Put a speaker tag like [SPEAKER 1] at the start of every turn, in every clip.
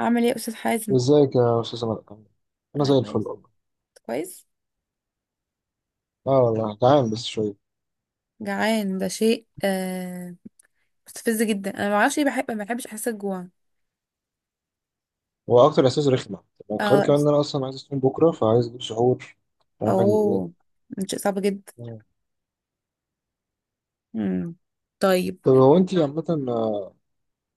[SPEAKER 1] اعمل ايه يا استاذ حازم؟
[SPEAKER 2] ازيك يا استاذ عمر. انا
[SPEAKER 1] انا
[SPEAKER 2] زي الفل
[SPEAKER 1] كويس،
[SPEAKER 2] والله.
[SPEAKER 1] كويس.
[SPEAKER 2] اه والله جعان بس شويه.
[SPEAKER 1] جعان، ده شيء مستفز جدا. انا ما اعرفش ليه بحب، ما بحبش احس الجوع.
[SPEAKER 2] هو اكتر احساس رخمه، وغير
[SPEAKER 1] اه،
[SPEAKER 2] كمان ان انا اصلا عايز اصوم بكره فعايز اجيب سحور. مش عارف اجيب ايه.
[SPEAKER 1] اوه، ده شيء صعب جدا.
[SPEAKER 2] مم.
[SPEAKER 1] امم، طيب.
[SPEAKER 2] طب هو انت عامه، آه،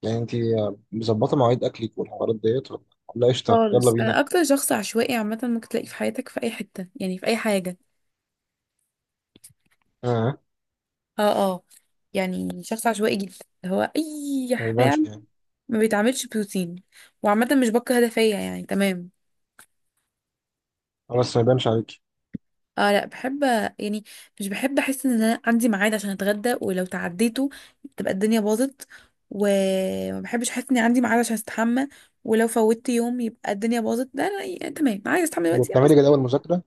[SPEAKER 2] يعني انت، مظبطه مواعيد اكلك والحوارات ديت، ولا قشطه يلا
[SPEAKER 1] خالص،
[SPEAKER 2] بينا؟
[SPEAKER 1] انا اكتر شخص عشوائي عامه ممكن تلاقيه في حياتك في اي حته، يعني في اي حاجه.
[SPEAKER 2] اه،
[SPEAKER 1] اه، اه، يعني شخص عشوائي جدا، اللي هو اي
[SPEAKER 2] ما يبانش
[SPEAKER 1] فعل
[SPEAKER 2] يعني.
[SPEAKER 1] ما بيتعملش بروتين. وعامه مش بكره ده فيا، يعني تمام.
[SPEAKER 2] بس ما يبانش عليكي.
[SPEAKER 1] اه، لا بحب، يعني مش بحب احس ان انا عندي ميعاد عشان اتغدى، ولو تعديته تبقى الدنيا باظت. وما بحبش احس اني عندي ميعاد عشان استحمى، ولو فوتت يوم يبقى الدنيا باظت. ده انا يعني تمام، عايز استحمى
[SPEAKER 2] طب
[SPEAKER 1] دلوقتي خلاص.
[SPEAKER 2] وبتعملي جدول مذاكره؟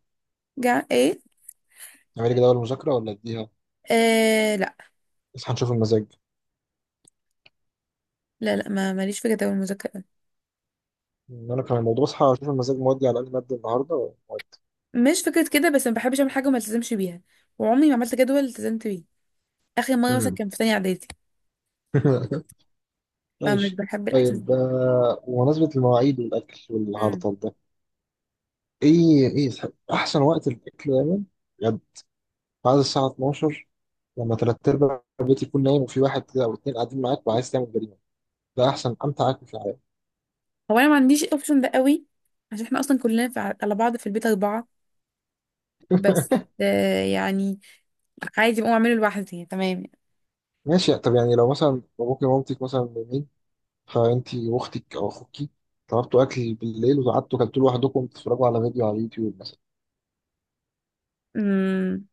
[SPEAKER 1] جع ايه؟
[SPEAKER 2] بتعملي جدول مذاكره ولا اديها
[SPEAKER 1] آه، لا.
[SPEAKER 2] اصحى نشوف المزاج؟
[SPEAKER 1] لا، لا ما ماليش في جدول المذاكره أوي.
[SPEAKER 2] إن انا كان الموضوع اصحى اشوف المزاج مودي على اي ماده النهارده ومودي.
[SPEAKER 1] مش فكره كده، بس ما بحبش اعمل حاجه وما التزمش بيها، وعمري ما عملت جدول التزمت بيه. اخر مره مثلا
[SPEAKER 2] مم.
[SPEAKER 1] كان في تانية اعدادي. فمش
[SPEAKER 2] ماشي.
[SPEAKER 1] بحب الاحساس
[SPEAKER 2] طيب،
[SPEAKER 1] ده.
[SPEAKER 2] بمناسبة المواعيد والأكل
[SPEAKER 1] مم.
[SPEAKER 2] والهرطل ده، إيه يسحب؟ أحسن وقت للأكل دايما، بجد، بعد الساعة 12، لما تلات أرباع البيت يكون نايم وفي واحد كده أو اتنين قاعدين معاك وعايز تعمل جريمة. ده أحسن أمتع أكل في الحياة.
[SPEAKER 1] هو انا ما عنديش الاوبشن ده قوي، عشان احنا اصلا كلنا في على بعض في البيت اربعه بس. يعني عادي بقوم اعمله لوحدي، يعني تمام.
[SPEAKER 2] ماشي. طب يعني لو مثلا باباكي ومامتك مثلا نايمين، فأنتي وأختك أو أخوكي طلبتوا أكل بالليل وقعدتوا كلتوا لوحدكم تتفرجوا على فيديو على اليوتيوب مثلا.
[SPEAKER 1] امم.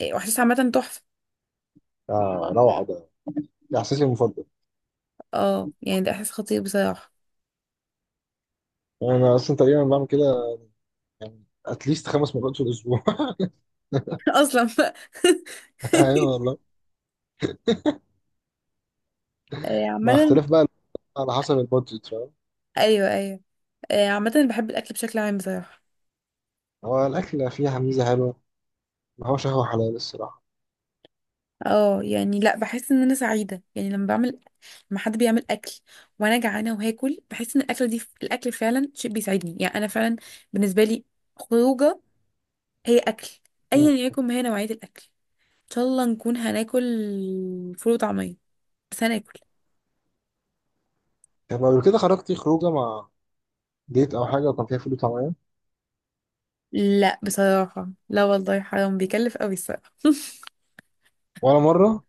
[SPEAKER 1] إيه، واحساس عامة تحفة.
[SPEAKER 2] روعة ده. ده إحساسي المفضل.
[SPEAKER 1] اه، يعني ده احساس خطير بصراحة.
[SPEAKER 2] أنا أصلا تقريبا بعمل كده، يعني أتليست خمس مرات في الأسبوع.
[SPEAKER 1] اصلا بقى.
[SPEAKER 2] ايوه والله،
[SPEAKER 1] آه،
[SPEAKER 2] مع
[SPEAKER 1] عامة.
[SPEAKER 2] اختلاف بقى، على حسب البادجت، فاهم؟
[SPEAKER 1] ايوه، ايوه. آه، عامة بحب الاكل بشكل عام بصراحة.
[SPEAKER 2] هو الاكل فيها ميزه حلوه، ما هوش قهوه حلال الصراحه.
[SPEAKER 1] اه، يعني لا، بحس ان انا سعيدة يعني لما حد بيعمل اكل وانا جعانة وهاكل، بحس ان الاكل فعلا شيء بيسعدني، يعني انا فعلا بالنسبة لي خروجة هي اكل، ايا
[SPEAKER 2] مم.
[SPEAKER 1] يكن ما هي نوعية الاكل. ان شاء الله نكون هناكل فول وطعمية، بس هناكل.
[SPEAKER 2] طب قبل كده خرجتي خروجه مع ديت او حاجه وكان فيها فول وطعميه؟
[SPEAKER 1] لا بصراحة، لا والله، حرام، بيكلف قوي الصراحة.
[SPEAKER 2] ولا مره؟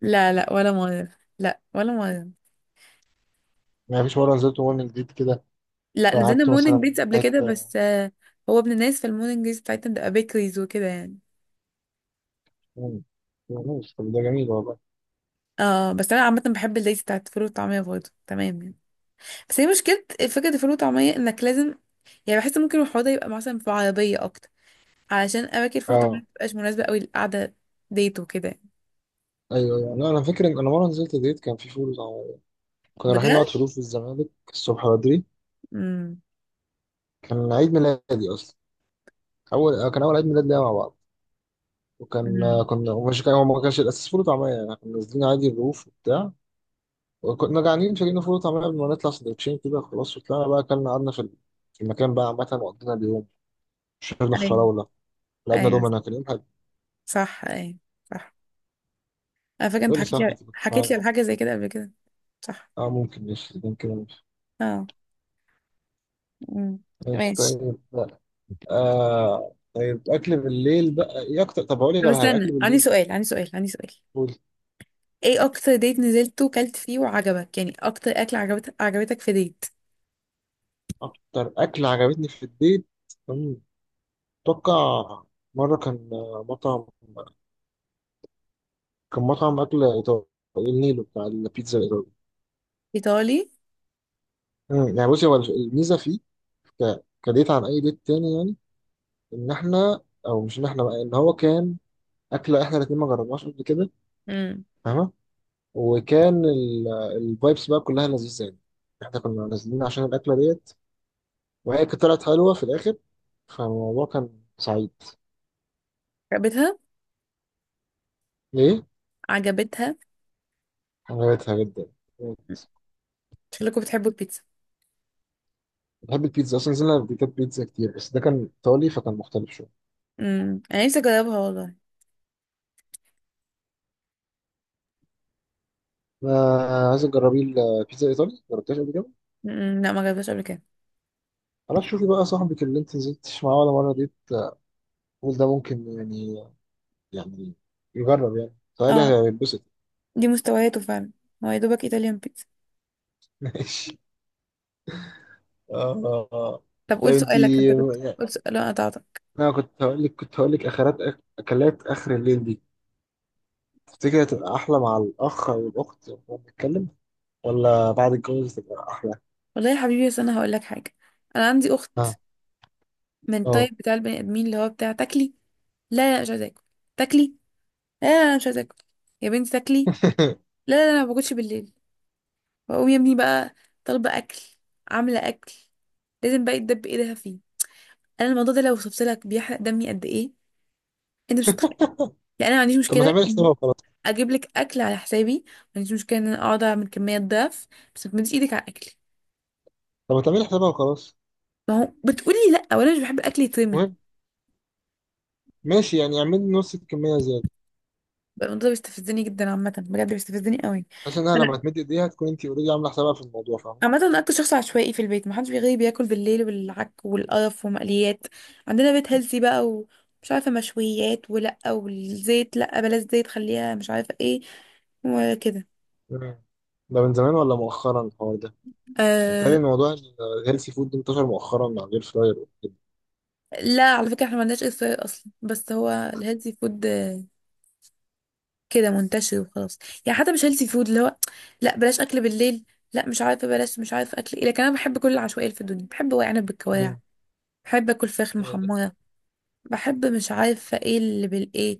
[SPEAKER 1] لا، لا، ولا مرة، لا، ولا مرة.
[SPEAKER 2] يعني مفيش مره نزلت مول من جديد كده،
[SPEAKER 1] لا، نزلنا
[SPEAKER 2] فقعدت مثلا
[SPEAKER 1] مورنينج بيتز
[SPEAKER 2] في
[SPEAKER 1] قبل كده
[SPEAKER 2] حته؟
[SPEAKER 1] بس. هو ابن الناس في المورنينج بيتز بتاعتنا بتبقى بيكريز وكده يعني.
[SPEAKER 2] مم. ماشي. طب ده جميل والله.
[SPEAKER 1] اه، بس انا عامة بحب الليز بتاعت الفول والطعمية برضه، تمام يعني. بس هي مشكلة فكرة الفول والطعمية انك لازم، يعني بحس ممكن الحوار ده يبقى مثلا في عربية اكتر، علشان اماكن الفول والطعمية
[SPEAKER 2] اه،
[SPEAKER 1] مبتبقاش مناسبة قوي للقعدة ديت وكده يعني.
[SPEAKER 2] ايوه ايوه، لا انا فاكر ان انا مره نزلت ديت كان في فول وطعميه. كنا رايحين نقعد
[SPEAKER 1] بجد؟
[SPEAKER 2] في روف الزمالك الصبح بدري. كان عيد ميلادي اصلا. كان اول عيد ميلاد ليا مع بعض، وكان،
[SPEAKER 1] امم.
[SPEAKER 2] كنا ومش كان هو ما كانش الاساس فول وطعميه يعني، كنا نازلين عادي الرؤوف وبتاع، وكنا جعانين فجبنا فول وطعميه قبل ما نطلع سندوتشين كده، خلاص وطلعنا بقى اكلنا، قعدنا في في المكان بقى عامه وقضينا اليوم. شربنا
[SPEAKER 1] ايوه،
[SPEAKER 2] فراوله، لعبنا
[SPEAKER 1] ايوه.
[SPEAKER 2] دومنا، كان يوم حلو.
[SPEAKER 1] صح، ايوه، صح. انا فاكره
[SPEAKER 2] ايه
[SPEAKER 1] انت
[SPEAKER 2] اللي
[SPEAKER 1] حكيت
[SPEAKER 2] صح
[SPEAKER 1] لي
[SPEAKER 2] تبقى
[SPEAKER 1] حكيت لي
[SPEAKER 2] معانا.
[SPEAKER 1] على حاجه زي كده قبل كده. صح.
[SPEAKER 2] اه ممكن، ماشي ممكن، ماشي.
[SPEAKER 1] اه. امم.
[SPEAKER 2] ماشي،
[SPEAKER 1] ماشي.
[SPEAKER 2] طيب لا. آه طيب، اكل بالليل بقى ايه اكتر؟ طب اقول لك
[SPEAKER 1] طب
[SPEAKER 2] على حاجه اكل
[SPEAKER 1] استنى، عندي
[SPEAKER 2] بالليل.
[SPEAKER 1] سؤال، عندي سؤال، عندي سؤال.
[SPEAKER 2] قول.
[SPEAKER 1] ايه اكتر ديت نزلته وكلت فيه وعجبك، يعني اكتر اكل عجبتك في ديت؟
[SPEAKER 2] اكتر اكل عجبتني في البيت، أمم، اتوقع مره كان، مطعم، كان مطعم أكل إيطالي، النيلو بتاع البيتزا الإيطالي.
[SPEAKER 1] ايطالي.
[SPEAKER 2] يعني بصي، هو الميزة فيه كديت عن أي ديت تاني يعني، إن إحنا أو مش إن إحنا بقى إن هو كان أكلة إحنا الاتنين ما جربناش قبل كده،
[SPEAKER 1] امم.
[SPEAKER 2] فاهمة؟ وكان الفايبس بقى كلها لذيذة يعني، إحنا كنا نازلين عشان الأكلة ديت، وهي كانت طلعت حلوة في الآخر، فالموضوع كان سعيد.
[SPEAKER 1] عجبتها،
[SPEAKER 2] ليه؟
[SPEAKER 1] عجبتها.
[SPEAKER 2] عجبتها جدا.
[SPEAKER 1] شكلكم بتحبوا البيتزا.
[SPEAKER 2] بحب البيتزا أصلا، نزلنا بيتزا كتير، بس ده كان إيطالي فكان مختلف شوية.
[SPEAKER 1] امم، انا نفسي اجربها والله.
[SPEAKER 2] ما عايز تجربي البيتزا الإيطالي؟ جربتهاش قبل كده؟
[SPEAKER 1] امم، لا، ما جربتهاش قبل كده.
[SPEAKER 2] خلاص شوفي بقى، صاحبك اللي انت نزلتش معاه ولا مرة دي، تقول ده ممكن يعني، يعني يجرب. يعني سؤالي
[SPEAKER 1] اه،
[SPEAKER 2] هيتبسط.
[SPEAKER 1] دي مستوياته فعلا، هو يا دوبك ايطاليان بيتزا.
[SPEAKER 2] ماشي. اه آه.
[SPEAKER 1] طب قول
[SPEAKER 2] طيب انت،
[SPEAKER 1] سؤالك، انت كنت، قول سؤال، انا قطعتك.
[SPEAKER 2] انا كنت هقول لك، كنت هقول لك، اخرات اكلات اخر الليل دي، تفتكر هتبقى احلى مع الاخ او الاخت وهو بيتكلم، ولا بعد الجواز تبقى احلى؟
[SPEAKER 1] والله يا حبيبي، بس انا هقول لك حاجه. انا عندي اخت
[SPEAKER 2] اه.
[SPEAKER 1] من
[SPEAKER 2] اه.
[SPEAKER 1] الطيب بتاع البني ادمين، اللي هو بتاع: تاكلي؟ لا، لا، أنا مش عايزه اكل. تاكلي؟ لا، لا، أنا مش عايزه اكل. يا بنتي تاكلي. لا، لا، أنا ما باكلش بالليل. بقوم يا ابني بقى طالبه اكل، عامله اكل، لازم بقى يتدب ايدها فيه. انا الموضوع ده لو وصفت لك بيحرق دمي قد ايه، انت مش هتتخيل. يعني انا ما عنديش
[SPEAKER 2] طب ما
[SPEAKER 1] مشكله
[SPEAKER 2] تعملي
[SPEAKER 1] إني
[SPEAKER 2] حسابها وخلاص.
[SPEAKER 1] اجيب لك اكل على حسابي، ما عنديش مشكله ان انا اقعد اعمل كميه ضعف، بس ما تمديش ايدك على اكلي.
[SPEAKER 2] طب ما تعملي حسابها وخلاص.
[SPEAKER 1] ما هو بتقولي لا، وانا مش بحب الاكل يترمي.
[SPEAKER 2] المهم، ماشي يعني اعملي نص الكمية زيادة،
[SPEAKER 1] القانون ده بيستفزني جدا عامة، بجد بيستفزني قوي.
[SPEAKER 2] عشان انا لما
[SPEAKER 1] لا.
[SPEAKER 2] تمد ايديها تكون انت اوريدي عاملة حسابها في الموضوع، فاهمة؟
[SPEAKER 1] عامة أنا أكتر شخص عشوائي في البيت، محدش بيغيب، بياكل بالليل والعك والقرف ومقليات. عندنا بيت هيلثي بقى، ومش عارفة، مشويات ولأ، والزيت لأ، بلاش زيت، خليها مش عارفة ايه، وكده.
[SPEAKER 2] مم. ده من زمان ولا مؤخرا الحوار ده؟ متهيألي
[SPEAKER 1] أه.
[SPEAKER 2] إن موضوع الهيلثي فود ده انتشر مؤخرا مع الاير فراير وكده.
[SPEAKER 1] لا، على فكرة احنا ما عندناش إصرار أصلا، بس هو الهيلثي فود كده منتشر وخلاص. يعني حتى مش هيلثي فود، اللي هو لأ بلاش أكل بالليل، لأ مش عارفة، بلاش مش عارفة أكل ايه، لكن أنا بحب كل العشوائية اللي في الدنيا، بحب ورق عنب بالكواع،
[SPEAKER 2] مم.
[SPEAKER 1] بحب اكل فراخ
[SPEAKER 2] أيوة.
[SPEAKER 1] محمره، بحب مش عارفة ايه اللي بالايه،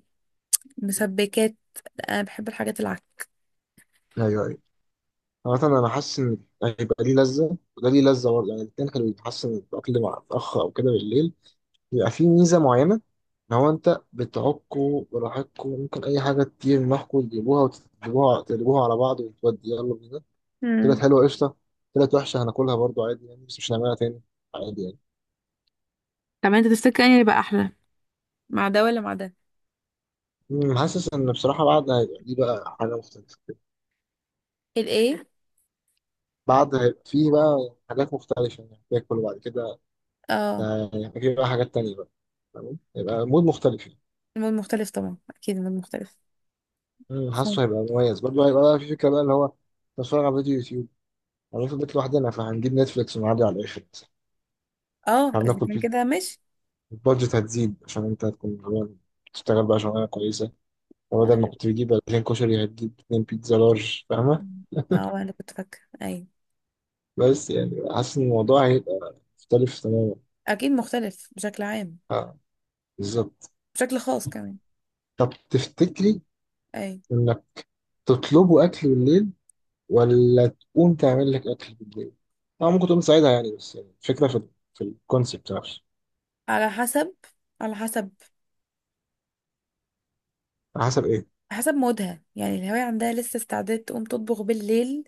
[SPEAKER 1] مسبكات. لا، انا بحب الحاجات العكس.
[SPEAKER 2] ايوه ايوه، مثلا انا حاسس ان هيبقى ليه لذه وده ليه لذه برضه يعني، الاثنين، كانوا حاسس ان الاكل مع الاخ او كده بالليل بيبقى فيه ميزه معينه، ان هو انت بتعكوا براحتكوا، ممكن اي حاجه تطير معاكوا تجيبوها، وتقلبوها على بعض، وتودي يلا بينا. طلعت
[SPEAKER 1] مم.
[SPEAKER 2] حلوه قشطه، طلعت وحشه هناكلها برضه عادي يعني بس مش هنعملها تاني، عادي يعني.
[SPEAKER 1] طب انت تفتكر اني يبقى احلى مع ده ولا مع ده؟
[SPEAKER 2] مم، حاسس ان بصراحه، بعد هيبقى دي بقى حاجه مختلفه،
[SPEAKER 1] الايه؟
[SPEAKER 2] بعد هيبقى فيه بقى حاجات مختلفه يعني، تاكل وبعد كده،
[SPEAKER 1] اه،
[SPEAKER 2] هيبقى فيه بقى حاجات تانية بقى، تمام هيبقى مود مختلف يعني.
[SPEAKER 1] المود مختلف طبعا، اكيد المود مختلف.
[SPEAKER 2] مم،
[SPEAKER 1] صح.
[SPEAKER 2] حاسه هيبقى مميز برضه، هيبقى بقى في فكره بقى اللي هو نتفرج على فيديو يوتيوب، هنروح في البيت لوحدنا فهنجيب نتفليكس ونعدي على الاخر مثلا.
[SPEAKER 1] اه، اذا
[SPEAKER 2] هناكل
[SPEAKER 1] كان
[SPEAKER 2] بيتزا.
[SPEAKER 1] كده ماشي.
[SPEAKER 2] البادجت هتزيد عشان انت هتكون غلبان. تشتغل بقى شغلانه كويسه،
[SPEAKER 1] اه أنا
[SPEAKER 2] وبدل ما
[SPEAKER 1] اللي-
[SPEAKER 2] كنت بتجيب 2000 كشري هتجيب 2 بيتزا لارج، فاهمه؟
[SPEAKER 1] أنا اللي كنت فاكرة، ايوه.
[SPEAKER 2] بس يعني حاسس ان الموضوع هيبقى مختلف تماما.
[SPEAKER 1] اكيد مختلف بشكل عام،
[SPEAKER 2] اه بالظبط.
[SPEAKER 1] بشكل خاص كمان.
[SPEAKER 2] طب تفتكري
[SPEAKER 1] ايوه.
[SPEAKER 2] انك تطلبوا اكل بالليل، ولا تقوم تعمل لك اكل بالليل؟ اه ممكن تقوم تساعدها يعني، بس يعني الفكره في في الكونسيبت نفسه.
[SPEAKER 1] على حسب على حسب
[SPEAKER 2] على حسب ايه؟
[SPEAKER 1] حسب مودها، يعني الهواية عندها لسه استعداد تقوم تطبخ بالليل.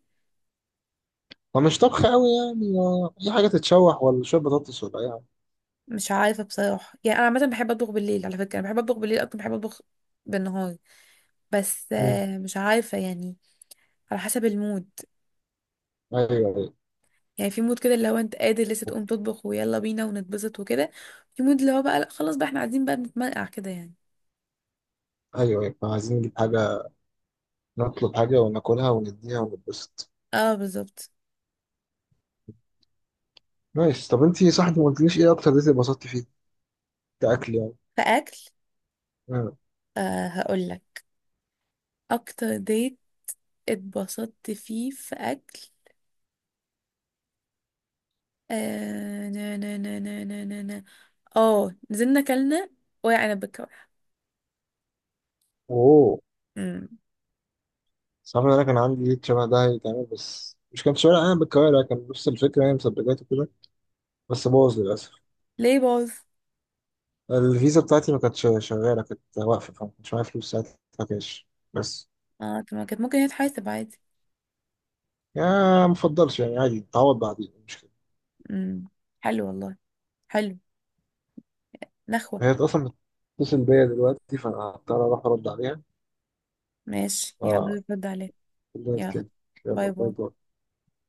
[SPEAKER 2] هو مش طبخ قوي يعني، اي حاجه تتشوح ولا شويه بطاطس ولا اي حاجه.
[SPEAKER 1] مش عارفه بصراحه، يعني انا عامه بحب اطبخ بالليل، على فكره انا بحب اطبخ بالليل اكتر ما بحب اطبخ بالنهار، بس.
[SPEAKER 2] مم.
[SPEAKER 1] مش عارفه يعني، على حسب المود.
[SPEAKER 2] ايوه ايوه
[SPEAKER 1] يعني في مود كده اللي هو انت قادر لسه
[SPEAKER 2] ايوه
[SPEAKER 1] تقوم تطبخ ويلا بينا ونتبسط وكده، في مود اللي هو بقى لا، خلاص بقى احنا قاعدين بقى بنتمرقع كده يعني.
[SPEAKER 2] ايوه احنا عايزين نجيب حاجه، نطلب حاجه وناكلها ونديها ونتبسط.
[SPEAKER 1] اه، بالظبط.
[SPEAKER 2] نايس. طب انتي صح، انت ما قلتليش ايه اكتر ديت اتبسطتي فيه كاكل يعني.
[SPEAKER 1] فاكل.
[SPEAKER 2] مم.
[SPEAKER 1] آه، هقول لك. اكتر ديت اتبسطت فيه في اكل. آه نا نا نا نا نا نا نا. اه، نزلنا كلنا ورق عنب بالكوارع.
[SPEAKER 2] اوه.
[SPEAKER 1] أمم.
[SPEAKER 2] صعب ان انا كان عندي ليد شبه ده هيتعمل، بس مش كان شبه، انا بالكوارع كان نفس الفكره يعني، مسبجات وكده، بس باظ للاسف.
[SPEAKER 1] ليه باظ؟
[SPEAKER 2] الفيزا بتاعتي ما كانتش شغاله، كانت واقفه، فما كانش معايا فلوس ساعتها كاش بس.
[SPEAKER 1] اه، طب ما كانت ممكن هي تحاسب عادي.
[SPEAKER 2] يا ما افضلش يعني، عادي تعوض بعدين، مش كده؟
[SPEAKER 1] امم. حلو والله، حلو. نخوة.
[SPEAKER 2] هي اصلا بتتصل بيا دلوقتي فانا هضطر اروح ارد عليها.
[SPEAKER 1] ماشي،
[SPEAKER 2] ف
[SPEAKER 1] يلا رد عليه. يلا،
[SPEAKER 2] كده يلا،
[SPEAKER 1] باي
[SPEAKER 2] باي
[SPEAKER 1] باي.
[SPEAKER 2] باي.